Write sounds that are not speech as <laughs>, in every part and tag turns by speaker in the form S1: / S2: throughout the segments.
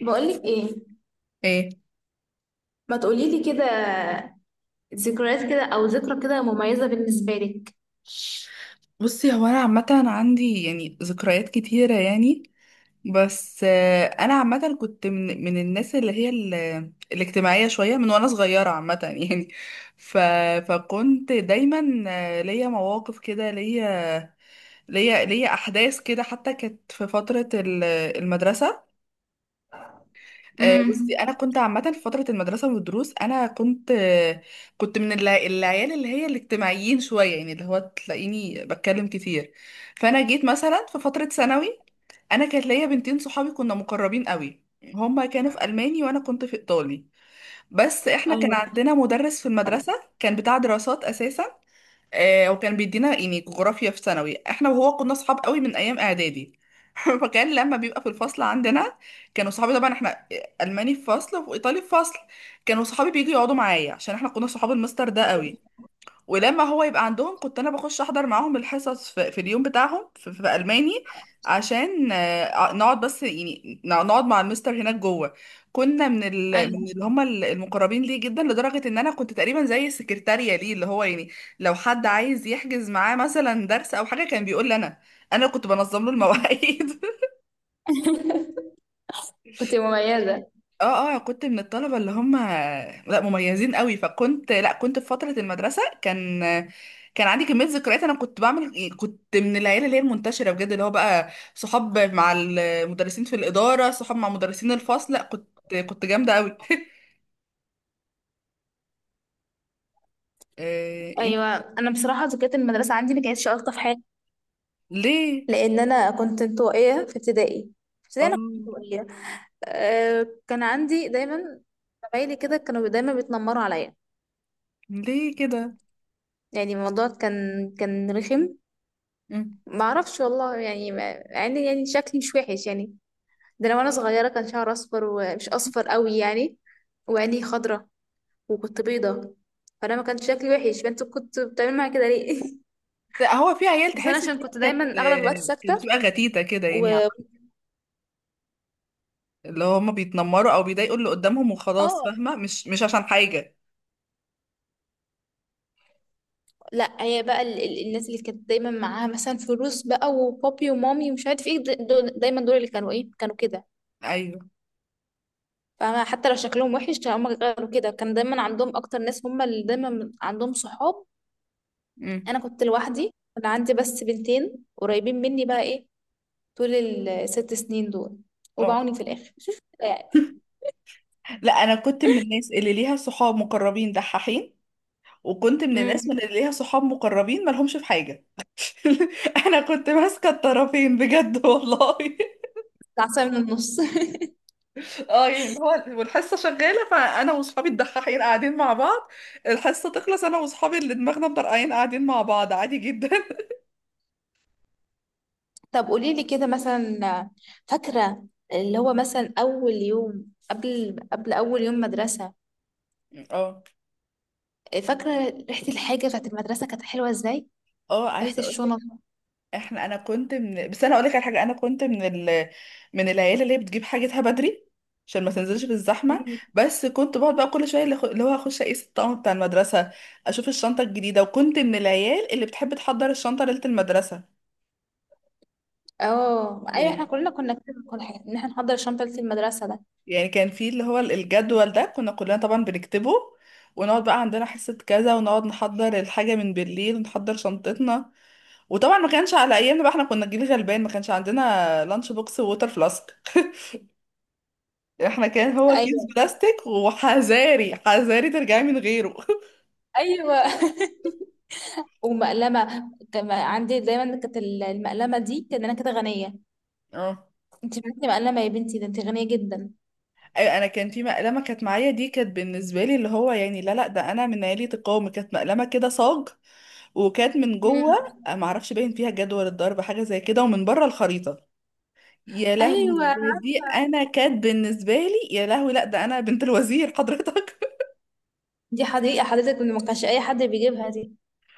S1: بقولك ايه،
S2: ايه.
S1: ما تقوليلي كده، ذكريات كده او ذكرى كده مميزة بالنسبة لك.
S2: بصي، هو انا عامه عندي يعني ذكريات كتيره يعني. بس انا عامه كنت من الناس اللي هي الاجتماعيه شويه من وانا صغيره عامه <laughs> يعني. ف فكنت دايما ليا مواقف كده، ليا احداث كده، حتى كانت في فتره المدرسه. بصي انا
S1: امم
S2: كنت عامه في فتره المدرسه والدروس. انا كنت كنت من العيال اللي هي الاجتماعيين شويه، يعني اللي هو تلاقيني بتكلم كتير. فانا جيت مثلا في فتره ثانوي، انا كانت ليا بنتين صحابي كنا مقربين قوي. هما كانوا في الماني وانا كنت في ايطالي، بس احنا كان
S1: ايوه.
S2: عندنا مدرس في المدرسه كان بتاع دراسات اساسا. آه وكان بيدينا يعني جغرافيا في ثانوي، احنا وهو كنا صحاب قوي من ايام اعدادي. <laughs> فكان لما بيبقى في الفصل عندنا كانوا صحابي، طبعا احنا الماني في فصل وايطالي في فصل، كانوا صحابي بييجوا يقعدوا معايا عشان احنا كنا صحاب المستر ده قوي. ولما هو يبقى عندهم كنت انا بخش احضر معاهم الحصص في اليوم بتاعهم في الماني عشان نقعد بس يعني نقعد مع المستر هناك جوه. كنا من
S1: ايوه.
S2: من اللي هم المقربين ليه جدا، لدرجه ان انا كنت تقريبا زي السكرتاريه ليه، اللي هو يعني لو حد عايز يحجز معاه مثلا درس او حاجه كان بيقول لي انا. انا كنت بنظم له المواعيد.
S1: <laughs> كنت مميزة.
S2: اه اه، كنت من الطلبة اللي هم، لا مميزين قوي. فكنت، لا كنت في فترة المدرسة، كان كان عندي كمية ذكريات. انا كنت بعمل إيه، كنت من العيلة اللي هي المنتشرة بجد، اللي هو بقى صحاب مع المدرسين في الإدارة، صحاب مع مدرسين الفصل. لا كنت كنت جامدة قوي. <laughs> آه، إنت-
S1: ايوه، انا بصراحه ذكريات المدرسه عندي ما كانتش الطف حاجه،
S2: ليه؟
S1: لان انا كنت انطوائيه في ابتدائي. في ابتدائي انا كنت
S2: اه.
S1: انطوائيه. أه، كان عندي دايما زمايلي كده كانوا دايما بيتنمروا عليا.
S2: ليه كده؟
S1: يعني الموضوع كان، كان رخم.
S2: مم.
S1: ما اعرفش والله، يعني يعني شكلي مش وحش يعني. ده انا وانا صغيره كان شعري اصفر ومش اصفر قوي يعني، وعيني خضرة، وكنت بيضة. فانا ما كانش شكلي وحش، فانت كنت بتعمل معايا كده ليه؟ <laughs>
S2: لا، هو في عيال
S1: بس انا
S2: تحس ان
S1: عشان
S2: هي
S1: كنت
S2: كانت
S1: دايما اغلب الوقت
S2: كانت
S1: ساكته.
S2: بتبقى غتيتة كده
S1: و
S2: يعني، اللي هم بيتنمروا او بيضايقوا اللي قدامهم وخلاص.
S1: اه،
S2: فاهمة؟ مش عشان حاجة.
S1: لا هي بقى الناس اللي كانت دايما معاها مثلا فلوس بقى وبابي ومامي ومش عارف ايه، دول دايما، دول اللي كانوا ايه، كانوا كده.
S2: ايوه.
S1: فاهمة؟ حتى لو شكلهم وحش كانوا هم غيروا كده، كان دايما عندهم اكتر ناس، هم اللي دايما عندهم صحاب.
S2: امم.
S1: انا كنت لوحدي، كان عندي بس بنتين قريبين مني بقى ايه، طول الست سنين دول،
S2: اه.
S1: وبعوني في الآخر يعني.
S2: لا، انا كنت من الناس اللي ليها صحاب مقربين دحاحين، وكنت من الناس من
S1: امم.
S2: اللي ليها صحاب مقربين مالهمش في حاجه. <laughs> انا كنت ماسكه الطرفين بجد والله. <laughs>
S1: العصاية من النص. <laughs>
S2: اه يعني اللي هو والحصه شغاله فانا واصحابي الدحاحين قاعدين مع بعض. الحصه تخلص انا واصحابي اللي دماغنا مطرقعين قاعدين مع بعض، عادي جدا. <laughs>
S1: طب قولي لي كده مثلا، فاكرة اللي هو مثلا أول يوم، قبل أول يوم مدرسة،
S2: اه.
S1: فاكرة ريحة الحاجة بتاعت المدرسة كانت حلوة ازاي؟
S2: اه،
S1: ريحة
S2: عايزه.
S1: الشنط.
S2: انا كنت بس انا اقول لك على حاجه. انا كنت من من العيال اللي هي بتجيب حاجتها بدري عشان ما تنزلش في الزحمه.
S1: مم.
S2: بس كنت بقعد بقى كل شويه اللي اللي هو اخش اقيس الطقم بتاع المدرسه، اشوف الشنطه الجديده. وكنت من العيال اللي بتحب تحضر الشنطه ليله المدرسه
S1: اه ايوه، احنا
S2: يعني.
S1: كلنا كنا كده، كل حاجة ان احنا نحضر شنطة المدرسة ده.
S2: يعني كان في اللي هو الجدول ده كنا كلنا طبعا بنكتبه، ونقعد بقى عندنا حصة كذا ونقعد نحضر الحاجة من بالليل ونحضر شنطتنا. وطبعا ما كانش على ايامنا بقى، احنا كنا جيل غلبان، ما كانش عندنا لانش بوكس ووتر فلاسك. <laughs> احنا كان هو كيس
S1: ايوه.
S2: بلاستيك، وحذاري حذاري ترجعي من غيره. <laughs>
S1: ايوه. <laughs> ومقلمة كان عندي دايما، كانت المقلمة دي كان انا كده غنية.
S2: اه.
S1: انت معاكي مقلمة يا بنتي؟ ده انت غنية جدا.
S2: أيوة، انا كان في مقلمه كانت معايا دي، كانت بالنسبه لي اللي هو يعني، لا لا ده انا من عيله القوم. كانت مقلمه كده صاج، وكانت من جوه
S1: مم.
S2: ما اعرفش باين فيها جدول الضرب حاجه زي كده، ومن بره الخريطه. يا لهوي،
S1: ايوه
S2: ده دي
S1: عارفه،
S2: انا كانت بالنسبه لي، يا لهوي، لا ده انا بنت الوزير حضرتك.
S1: دي حديقه حضرتك، إن ما كانش اي حد بيجيبها دي.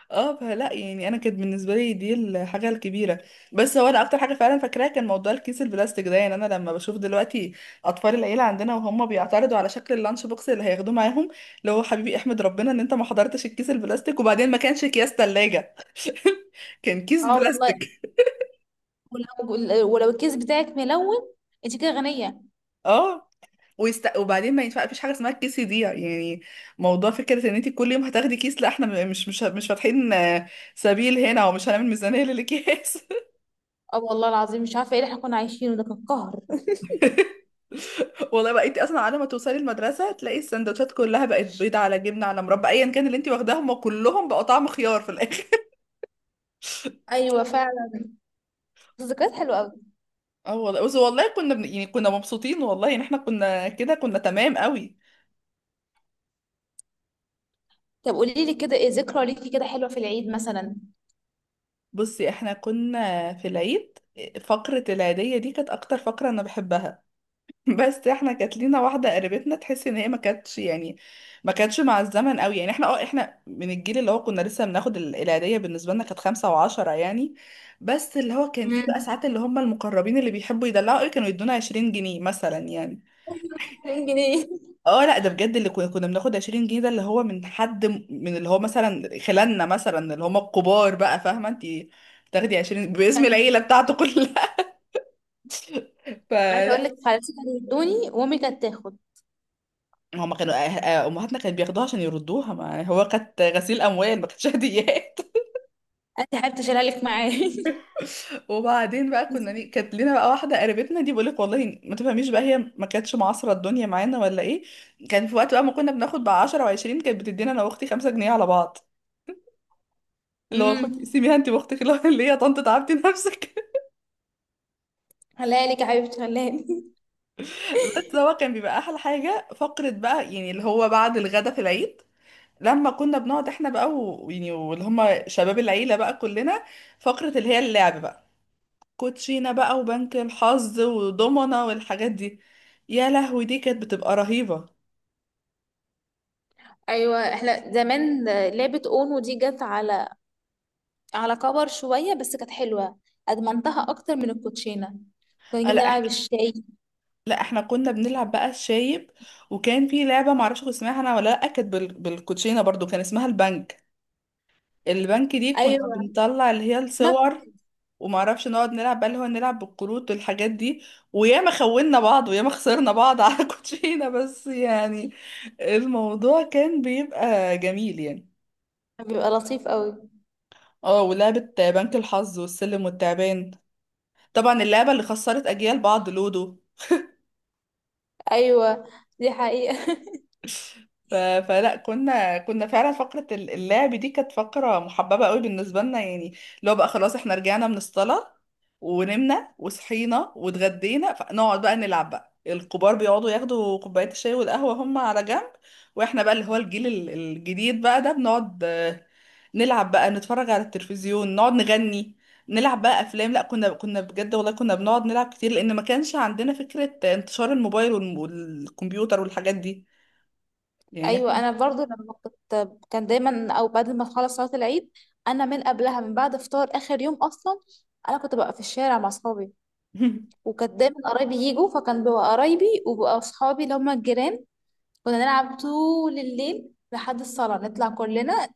S2: اه، فلا يعني انا كانت بالنسبه لي دي الحاجه الكبيره. بس هو انا اكتر حاجه فعلا فاكراها كان موضوع الكيس البلاستيك ده. يعني انا لما بشوف دلوقتي اطفال العيله عندنا وهم بيعترضوا على شكل اللانش بوكس اللي هياخدوه معاهم، اللي هو حبيبي احمد ربنا ان انت ما حضرتش الكيس البلاستيك. وبعدين ما كانش اكياس ثلاجه. <laughs> كان كيس
S1: اه والله.
S2: بلاستيك.
S1: ولو الكيس بتاعك ملون انت كده غنيه.
S2: اه، ويست... وبعدين ما ينفع، مفيش حاجه اسمها الكيس يضيع يعني، موضوع فكره ان انت كل يوم هتاخدي كيس. لا، احنا مش فاتحين سبيل هنا، ومش هنعمل ميزانيه للاكياس.
S1: اه والله العظيم مش عارفه ايه اللي احنا كنا عايشينه، ده كان قهر. <laughs>
S2: والله بقى انت اصلا على ما توصلي المدرسه تلاقي السندوتشات كلها بقت بيض على جبنه على مربى، ايا كان اللي انت واخداه هم كلهم بقوا طعم خيار في الاخر. <laughs>
S1: ايوه فعلا، ذكريات حلوه قوي.
S2: اه والله، بس والله كنا يعني كنا مبسوطين والله ان احنا كنا كده، كنا تمام قوي.
S1: طب قولي لي كده، ايه ذكرى ليكي كده حلوه في العيد مثلا؟
S2: بصي احنا كنا في العيد، فقره العيديه دي كانت اكتر فقره انا بحبها. بس احنا كانت لينا واحده قريبتنا تحس ان هي ما كانتش يعني ما كانتش مع الزمن قوي. يعني احنا، اه، احنا من الجيل اللي هو كنا لسه بناخد العيديه. بالنسبه لنا كانت 5 و10 يعني. بس اللي هو كان في بقى
S1: امم،
S2: ساعات اللي هم المقربين اللي بيحبوا يدلعوا قوي كانوا يدونا 20 جنيه مثلا يعني.
S1: 2000 جنيه.
S2: اه لا، ده بجد اللي كنا كنا بناخد 20 جنيه ده، اللي هو من حد، من اللي هو مثلا خلالنا، مثلا اللي هم الكبار بقى، فاهمه انت تاخدي 20 باسم
S1: كان-
S2: العيله بتاعته كلها. <laughs>
S1: عايزه
S2: فلا،
S1: اقول لك خالتي كانوا يدوني وامي كانت تاخد،
S2: هما كانوا امهاتنا كانت بياخدوها عشان يردوها. ما يعني هو كانت غسيل اموال، ما كانتش هديات.
S1: انت حابه تشيلها لك معايا؟
S2: <laughs> وبعدين بقى، كنا
S1: <laughs>
S2: كانت لينا بقى واحده قريبتنا دي، بقولك والله ما تفهميش بقى، هي ما كانتش معاصره الدنيا معانا ولا ايه. كان في وقت بقى ما كنا بناخد بقى 10 و20 كانت بتدينا انا واختي 5 جنيه على بعض، اللي هو
S1: امم،
S2: خد، سيبيها انت واختك اللي هو <laughs> اللي هي، يا طنط تعبتي نفسك.
S1: خليها لك يا حبيبتي، خليها لي.
S2: <laughs> بس هو كان بيبقى احلى حاجه فقره بقى يعني، اللي هو بعد الغدا في العيد لما كنا بنقعد احنا بقى ويعني واللي هم شباب العيله بقى كلنا فقره اللي هي اللعب بقى، كوتشينة بقى وبنك الحظ ودومنا والحاجات دي. يا لهوي، دي كانت بتبقى رهيبة.
S1: ايوه احنا زمان، لعبة اونو دي جت على على كبر شوية بس كانت حلوة، ادمنتها اكتر من الكوتشينة. كنا
S2: آه،
S1: نيجي
S2: لا
S1: نلعب
S2: احنا
S1: الشاي.
S2: لا احنا كنا بنلعب بقى الشايب. وكان في لعبة معرفش كنت اسمها انا ولا لا، كانت بالكوتشينة برضو، كان اسمها البنك. البنك دي كنا
S1: ايوه
S2: بنطلع اللي هي
S1: اسمها
S2: الصور،
S1: فلوس.
S2: ومعرفش نقعد نلعب بقى اللي هو نلعب بالكروت والحاجات دي. وياما خوننا بعض وياما خسرنا بعض على <laughs> كوتشينة، بس يعني الموضوع كان بيبقى جميل يعني.
S1: بيبقى لطيف قوي.
S2: اه، ولعبة بنك الحظ والسلم والتعبان، طبعا اللعبة اللي خسرت أجيال بعض، لودو.
S1: ايوه دي حقيقة.
S2: فلا، كنا كنا فعلا فقرة اللعب دي كانت فقرة محببة قوي بالنسبة لنا يعني. اللي هو بقى خلاص احنا رجعنا من الصلاة ونمنا وصحينا واتغدينا، فنقعد بقى نلعب بقى. الكبار بيقعدوا ياخدوا كوباية الشاي والقهوة هم على جنب، واحنا بقى اللي هو الجيل الجديد بقى ده بنقعد نلعب بقى، نتفرج على التلفزيون، نقعد نغني، نلعب بقى افلام. لا، كنا كنا بجد والله كنا بنقعد نلعب كتير، لان ما كانش عندنا فكرة انتشار الموبايل والكمبيوتر والحاجات دي
S1: <laughs>
S2: يعني.
S1: ايوه انا برضو لما كنت، كان دايما او بعد ما تخلص صلاة العيد، انا من قبلها من بعد فطار اخر يوم اصلا انا كنت ببقى في الشارع مع اصحابي.
S2: <laughs>
S1: وكانت دايما قرايبي يجوا، فكان بيبقى قرايبي وبقى اصحابي اللي هم الجيران. كنا نلعب طول الليل لحد الصلاة نطلع كلنا،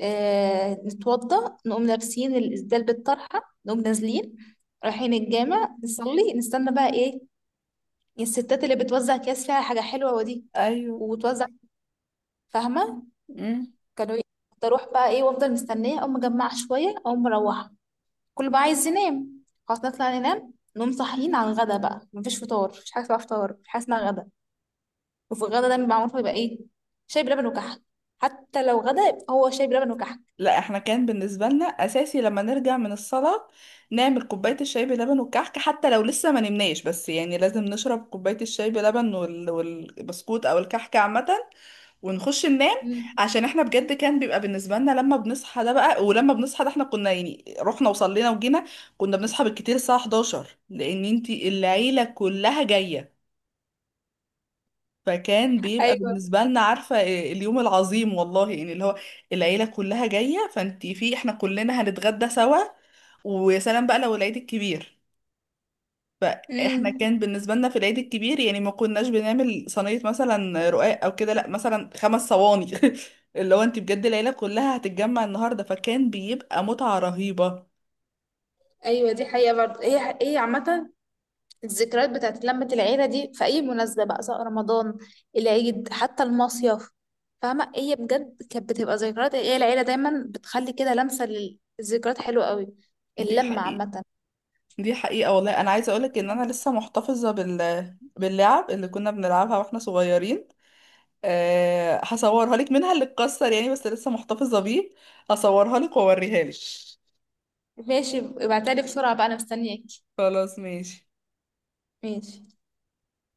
S1: آه نتوضى نقوم لابسين الإسدال بالطرحة، نقوم نازلين رايحين الجامع نصلي، نستنى بقى إيه، الستات اللي بتوزع أكياس فيها حاجة حلوة ودي
S2: ايوه.
S1: وتوزع، فاهمة؟ كانوا ي- كنت أروح بقى إيه وأفضل مستنية، أقوم مجمعة شوية أقوم مروحة، كل بقى عايز ينام. خلاص نطلع ننام، نقوم صاحيين على الغدا بقى، مفيش فطار، مفيش حاجة اسمها فطار، مفيش حاجة اسمها غدا. وفي الغدا دايما معروف بيبقى ايه، شاي بلبن وكحك، حتى لو غدا يبقى هو شاي بلبن وكحك.
S2: لا احنا كان بالنسبة لنا أساسي لما نرجع من الصلاة نعمل كوباية الشاي بلبن والكحك، حتى لو لسه ما نمناش، بس يعني لازم نشرب كوباية الشاي بلبن والبسكوت أو الكحك عامة، ونخش ننام.
S1: مم.
S2: عشان احنا بجد كان بيبقى بالنسبة لنا لما بنصحى ده بقى، ولما بنصحى ده احنا كنا يعني رحنا وصلينا وجينا، كنا بنصحى بالكتير الساعة 11 لأن انتي العيلة كلها جاية. فكان بيبقى
S1: ايوه.
S2: بالنسبة لنا عارفة إيه، اليوم العظيم والله يعني اللي هو العيلة كلها جاية، فانتي في احنا كلنا هنتغدى سوا. ويا سلام بقى لو العيد الكبير. فاحنا كان
S1: امم.
S2: بالنسبة لنا في العيد الكبير يعني ما كناش بنعمل صينية مثلا رقاق او كده، لا مثلا خمس صواني. <laughs> اللي هو انتي بجد العيلة كلها هتتجمع النهاردة، فكان بيبقى متعة رهيبة.
S1: ايوه دي حقيقه برضه، هي هي عامه الذكريات بتاعت لمه العيله دي في اي مناسبه بقى، سواء رمضان، العيد، حتى المصيف. فاهمه؟ هي بجد كانت بتبقى ذكريات، هي العيله دايما بتخلي كده لمسه للذكريات حلوه قوي.
S2: دي
S1: اللمه
S2: حقيقة.
S1: عامه.
S2: دي حقيقة والله. انا عايزة اقولك ان انا لسه محتفظة باللعب اللي كنا بنلعبها واحنا صغيرين. أه هصورها لك، منها اللي اتكسر يعني بس لسه محتفظة بيه. هصورها لك واوريها لك.
S1: ماشي، ابعتلي بسرعة بقى، انا مستنياك.
S2: خلاص ماشي.
S1: ماشي.